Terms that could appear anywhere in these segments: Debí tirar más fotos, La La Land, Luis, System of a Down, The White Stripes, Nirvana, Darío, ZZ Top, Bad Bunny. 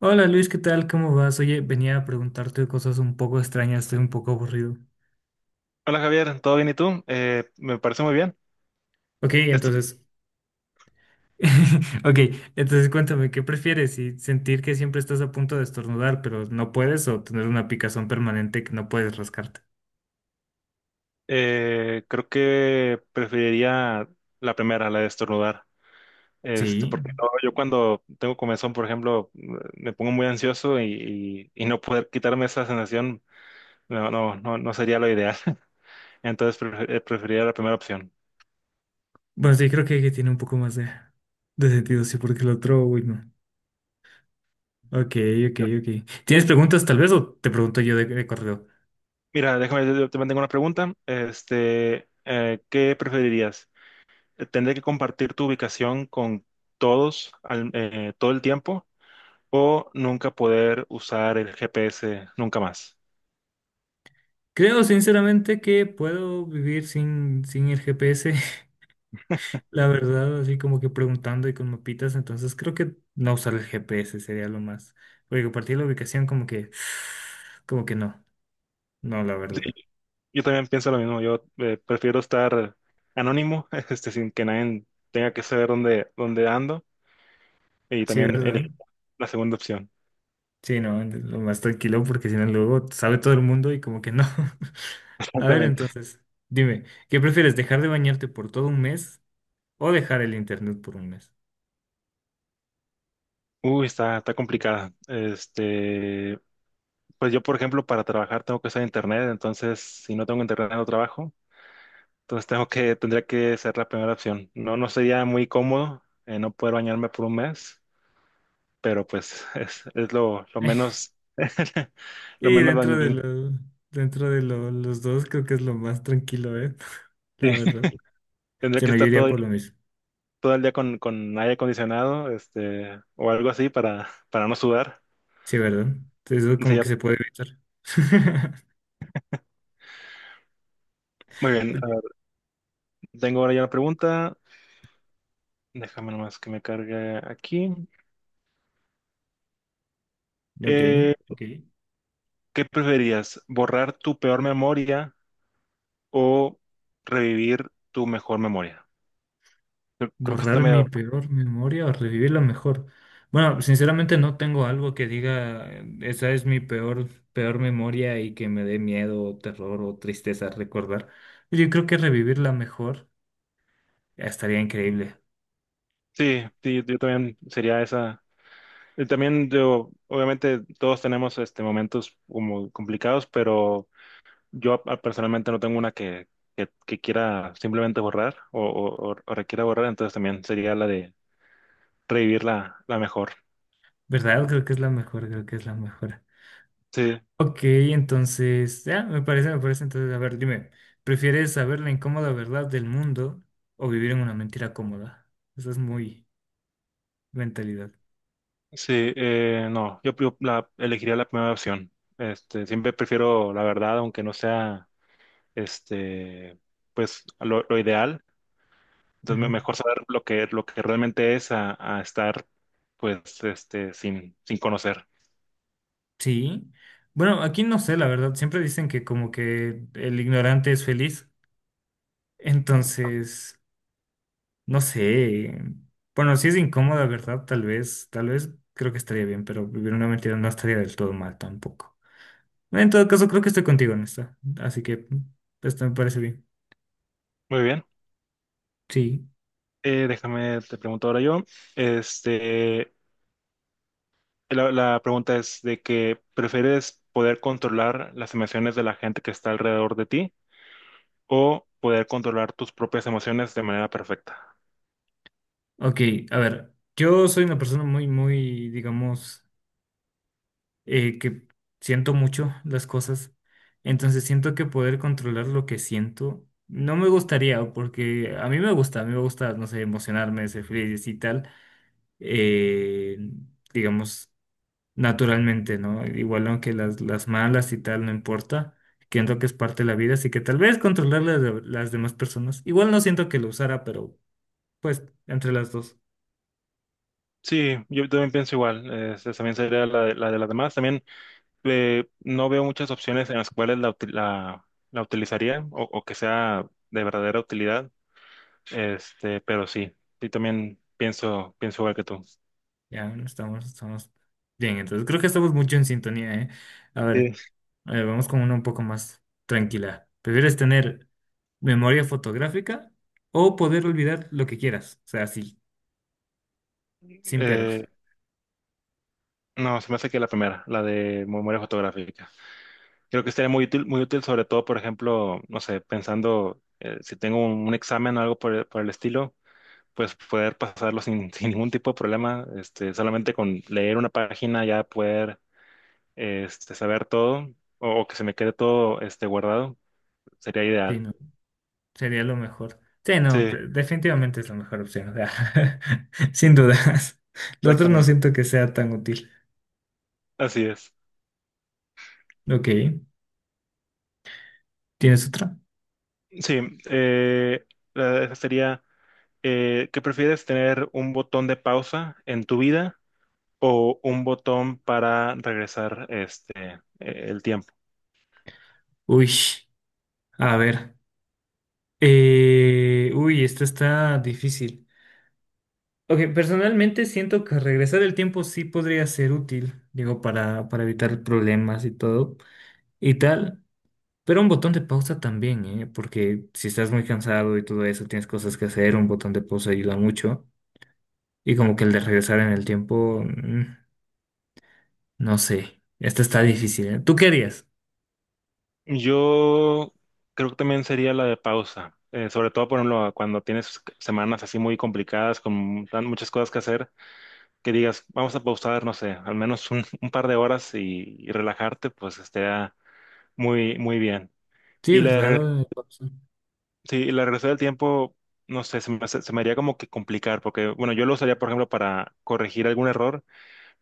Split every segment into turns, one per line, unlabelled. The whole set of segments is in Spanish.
Hola Luis, ¿qué tal? ¿Cómo vas? Oye, venía a preguntarte cosas un poco extrañas, estoy un poco aburrido.
Hola Javier, ¿todo bien y tú? Me parece muy bien.
Ok,
Este,
entonces, ok, entonces cuéntame, ¿qué prefieres? ¿Si sentir que siempre estás a punto de estornudar, pero no puedes, o tener una picazón permanente que no puedes rascarte?
Creo que preferiría la primera, la de estornudar.
Sí.
Porque no, yo cuando tengo comezón, por ejemplo, me pongo muy ansioso y no poder quitarme esa sensación no, no sería lo ideal. Entonces preferiría la primera opción.
Bueno, sí, creo que tiene un poco más de sentido, sí, porque el otro, uy, no. Ok, ok, ok. ¿Tienes preguntas tal vez o te pregunto yo de correo?
Mira, déjame, yo también tengo una pregunta. ¿Qué preferirías? ¿Tendré que compartir tu ubicación con todo el tiempo? O nunca poder usar el GPS nunca más.
Creo sinceramente que puedo vivir sin el GPS. La verdad, así como que preguntando y con mapitas, entonces creo que no usar el GPS sería lo más. Porque a partir de la ubicación como que, como que no, no, la
Sí,
verdad.
yo también pienso lo mismo. Yo Prefiero estar anónimo, sin que nadie tenga que saber dónde ando. Y
Sí,
también
¿verdad?
elegir la segunda opción.
Sí, no, entonces, lo más tranquilo porque si no luego sabe todo el mundo y como que no. A ver,
Exactamente.
entonces, dime, ¿qué prefieres, dejar de bañarte por todo un mes o dejar el internet por un mes?
Uy, está complicada. Pues yo, por ejemplo, para trabajar tengo que usar internet. Entonces, si no tengo internet, no trabajo. Entonces tendría que ser la primera opción. No, no sería muy cómodo no poder bañarme por un mes. Pero pues es lo menos, lo
Y
menos
dentro de
dañino.
lo, dentro de los dos creo que es lo más tranquilo, ¿eh?
Sí,
La verdad.
Tendría
Se
que
nos yo
estar
iría
todo,
por lo mismo.
todo el día con aire acondicionado, o algo así para no sudar.
Sí, ¿verdad? Entonces eso
Sí,
como
ya.
que se puede evitar.
Muy bien,
Ok,
a ver, tengo ahora ya una pregunta. Déjame nomás que me cargue aquí.
ok,
Eh,
ok.
¿Qué preferías? ¿Borrar tu peor memoria o revivir tu mejor memoria? Creo que
Borrar
está
mi
medio...
peor memoria o revivir la mejor. Bueno, sinceramente no tengo algo que diga, esa es mi peor, peor memoria y que me dé miedo, o terror o tristeza recordar. Yo creo que revivir la mejor estaría increíble,
Sí, sí, yo también sería esa. Y también yo, obviamente todos tenemos momentos como complicados, pero yo personalmente no tengo una que quiera simplemente borrar o requiera borrar, entonces también sería la de revivir la mejor.
¿verdad? Creo que es la mejor, creo que es la mejor.
Sí,
Ok, entonces, ya, me parece, me parece. Entonces, a ver, dime, ¿prefieres saber la incómoda verdad del mundo o vivir en una mentira cómoda? Esa es muy mentalidad.
sí, no, yo, yo elegiría la primera opción. Siempre prefiero la verdad, aunque no sea este, pues lo ideal. Entonces
Ujú.
mejor saber lo que realmente es a estar pues sin conocer.
Sí. Bueno, aquí no sé, la verdad. Siempre dicen que como que el ignorante es feliz. Entonces, no sé. Bueno, si es incómoda, ¿verdad? Tal vez creo que estaría bien, pero vivir una mentira no estaría del todo mal tampoco. En todo caso, creo que estoy contigo en esta. Así que mm, esto me parece bien.
Muy bien.
Sí.
Déjame, te pregunto ahora yo. Este, la pregunta es de que ¿prefieres poder controlar las emociones de la gente que está alrededor de ti o poder controlar tus propias emociones de manera perfecta?
Ok, a ver, yo soy una persona muy, muy, digamos, que siento mucho las cosas, entonces siento que poder controlar lo que siento no me gustaría, porque a mí me gusta, a mí me gusta, no sé, emocionarme, ser feliz y tal, eh, digamos, naturalmente, ¿no? Igual aunque las malas y tal no importa, siento que es parte de la vida, así que tal vez controlar las demás personas, igual no siento que lo usara, pero pues entre las dos.
Sí, yo también pienso igual. También sería la de las demás. También no veo muchas opciones en las cuales la utilizaría, o que sea de verdadera utilidad. Pero sí, sí también pienso igual que tú.
Ya no estamos, estamos bien, entonces creo que estamos mucho en sintonía, ¿eh? A
Sí.
ver, vamos con una un poco más tranquila. ¿Prefieres tener memoria fotográfica o poder olvidar lo que quieras? O sea, sí, sin peros.
Eh, No, se me hace que la primera, la de memoria fotográfica. Creo que sería muy útil, sobre todo, por ejemplo, no sé, pensando si tengo un examen o algo por el estilo, pues poder pasarlo sin, sin ningún tipo de problema, solamente con leer una página ya poder saber todo, o que se me quede todo guardado, sería
Sí,
ideal.
no, sería lo mejor. Sí, no,
Sí,
definitivamente es la mejor opción, o sea, sin dudas. Lo otro no
exactamente.
siento que sea tan útil.
Así es.
Ok, ¿tienes otra?
Sí, eh, esa sería, ¿qué prefieres, tener un botón de pausa en tu vida o un botón para regresar el tiempo?
Uy, a ver. Uy, esta está difícil. Ok, personalmente siento que regresar el tiempo sí podría ser útil, digo, para evitar problemas y todo y tal, pero un botón de pausa también, ¿eh? Porque si estás muy cansado y todo eso, tienes cosas que hacer, un botón de pausa ayuda mucho y como que el de regresar en el tiempo, no sé, esto está difícil, ¿eh? ¿Tú qué harías?
Yo creo que también sería la de pausa, sobre todo, por ejemplo, cuando tienes semanas así muy complicadas, con muchas cosas que hacer, que digas, vamos a pausar, no sé, al menos un par de horas y relajarte, pues estaría muy, muy bien.
Sí,
Y la, de
¿verdad?
reg-
Lo de pausa.
sí, y la de regresar del tiempo, no sé, se me, se me haría como que complicar, porque, bueno, yo lo usaría, por ejemplo, para corregir algún error,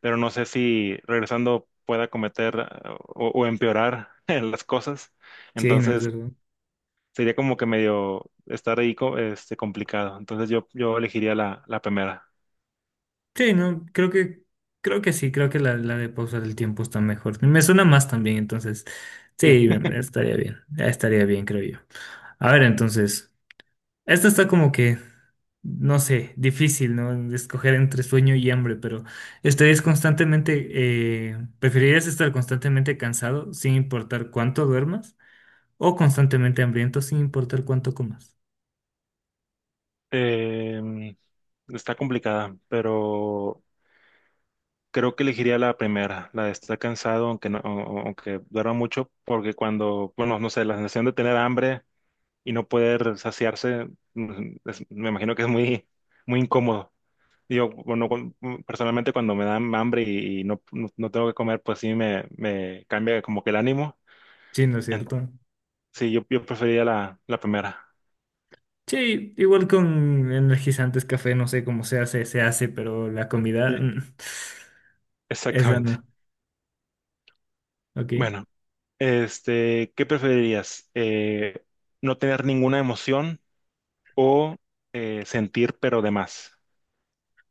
pero no sé si regresando pueda cometer o empeorar en las cosas.
Sí, no es
Entonces
verdad.
sería como que medio estar ahí complicado. Entonces yo elegiría la primera.
Sí, no, creo que sí, creo que la de pausa del tiempo está mejor. Me suena más también, entonces,
Sí.
sí, estaría bien, ya estaría bien, creo yo. A ver, entonces, esta está como que, no sé, difícil, ¿no? Escoger entre sueño y hambre, pero ¿estarías constantemente, preferirías estar constantemente cansado sin importar cuánto duermas o constantemente hambriento sin importar cuánto comas?
Eh, Está complicada, pero creo que elegiría la primera, la de estar cansado, aunque no, aunque duerma mucho, porque cuando, bueno, no sé, la sensación de tener hambre y no poder saciarse, mm, me imagino que es muy, muy incómodo. Yo, bueno, personalmente cuando me dan hambre y no, no tengo que comer, pues sí me cambia como que el ánimo.
Sí, ¿no es
En-
cierto?
sí, yo preferiría la primera.
Sí, igual con energizantes, café, no sé cómo se hace, pero la comida,
Sí.
esa
Exactamente.
no, ok.
Bueno, ¿qué preferirías? ¿No tener ninguna emoción o sentir pero de más?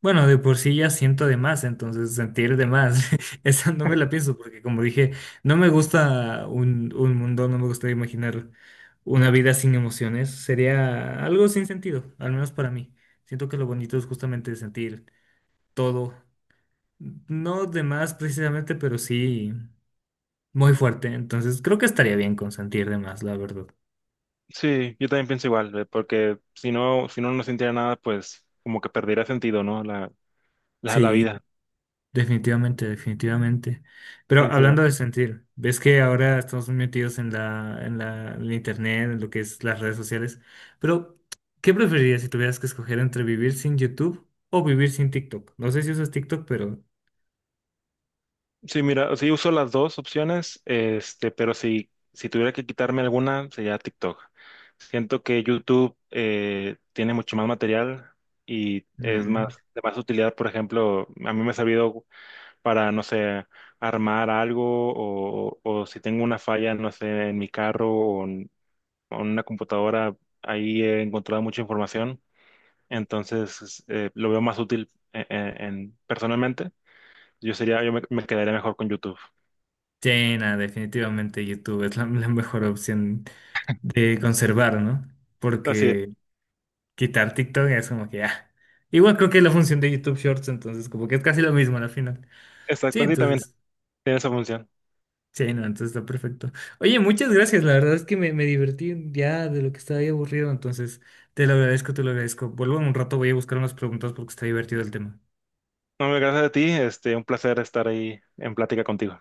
Bueno, de por sí ya siento de más, entonces sentir de más, esa no me la pienso, porque como dije, no me gusta un mundo, no me gusta imaginar una vida sin emociones, sería algo sin sentido, al menos para mí. Siento que lo bonito es justamente sentir todo, no de más precisamente, pero sí muy fuerte, entonces creo que estaría bien con sentir de más, la verdad.
Sí, yo también pienso igual, porque si no, si no, no sintiera nada, pues como que perdería sentido, ¿no? La
Sí,
vida.
definitivamente, definitivamente. Pero
Pienso
hablando de sentir, ves que ahora estamos muy metidos en la, en la, en el internet, en lo que es las redes sociales. Pero, ¿qué preferirías si tuvieras que escoger entre vivir sin YouTube o vivir sin TikTok? No sé si usas TikTok, pero
sí, mira, sí uso las dos opciones, pero si tuviera que quitarme alguna, sería TikTok. Siento que YouTube tiene mucho más material y es más
mm,
de más utilidad. Por ejemplo, a mí me ha servido para, no sé, armar algo, o si tengo una falla, no sé, en mi carro o en una computadora, ahí he encontrado mucha información. Entonces, lo veo más útil personalmente. Yo sería, yo me quedaría mejor con YouTube.
sí, nada, definitivamente YouTube es la, la mejor opción de conservar, ¿no?
Así es.
Porque quitar TikTok es como que, ah, igual creo que es la función de YouTube Shorts, entonces como que es casi lo mismo al final. Sí,
Exactamente, sí, también
entonces.
tiene esa función.
Sí, no, entonces está perfecto. Oye, muchas gracias, la verdad es que me divertí ya de lo que estaba ahí aburrido, entonces te lo agradezco, te lo agradezco. Vuelvo en un rato, voy a buscar unas preguntas porque está divertido el tema.
No, gracias a ti, un placer estar ahí en plática contigo.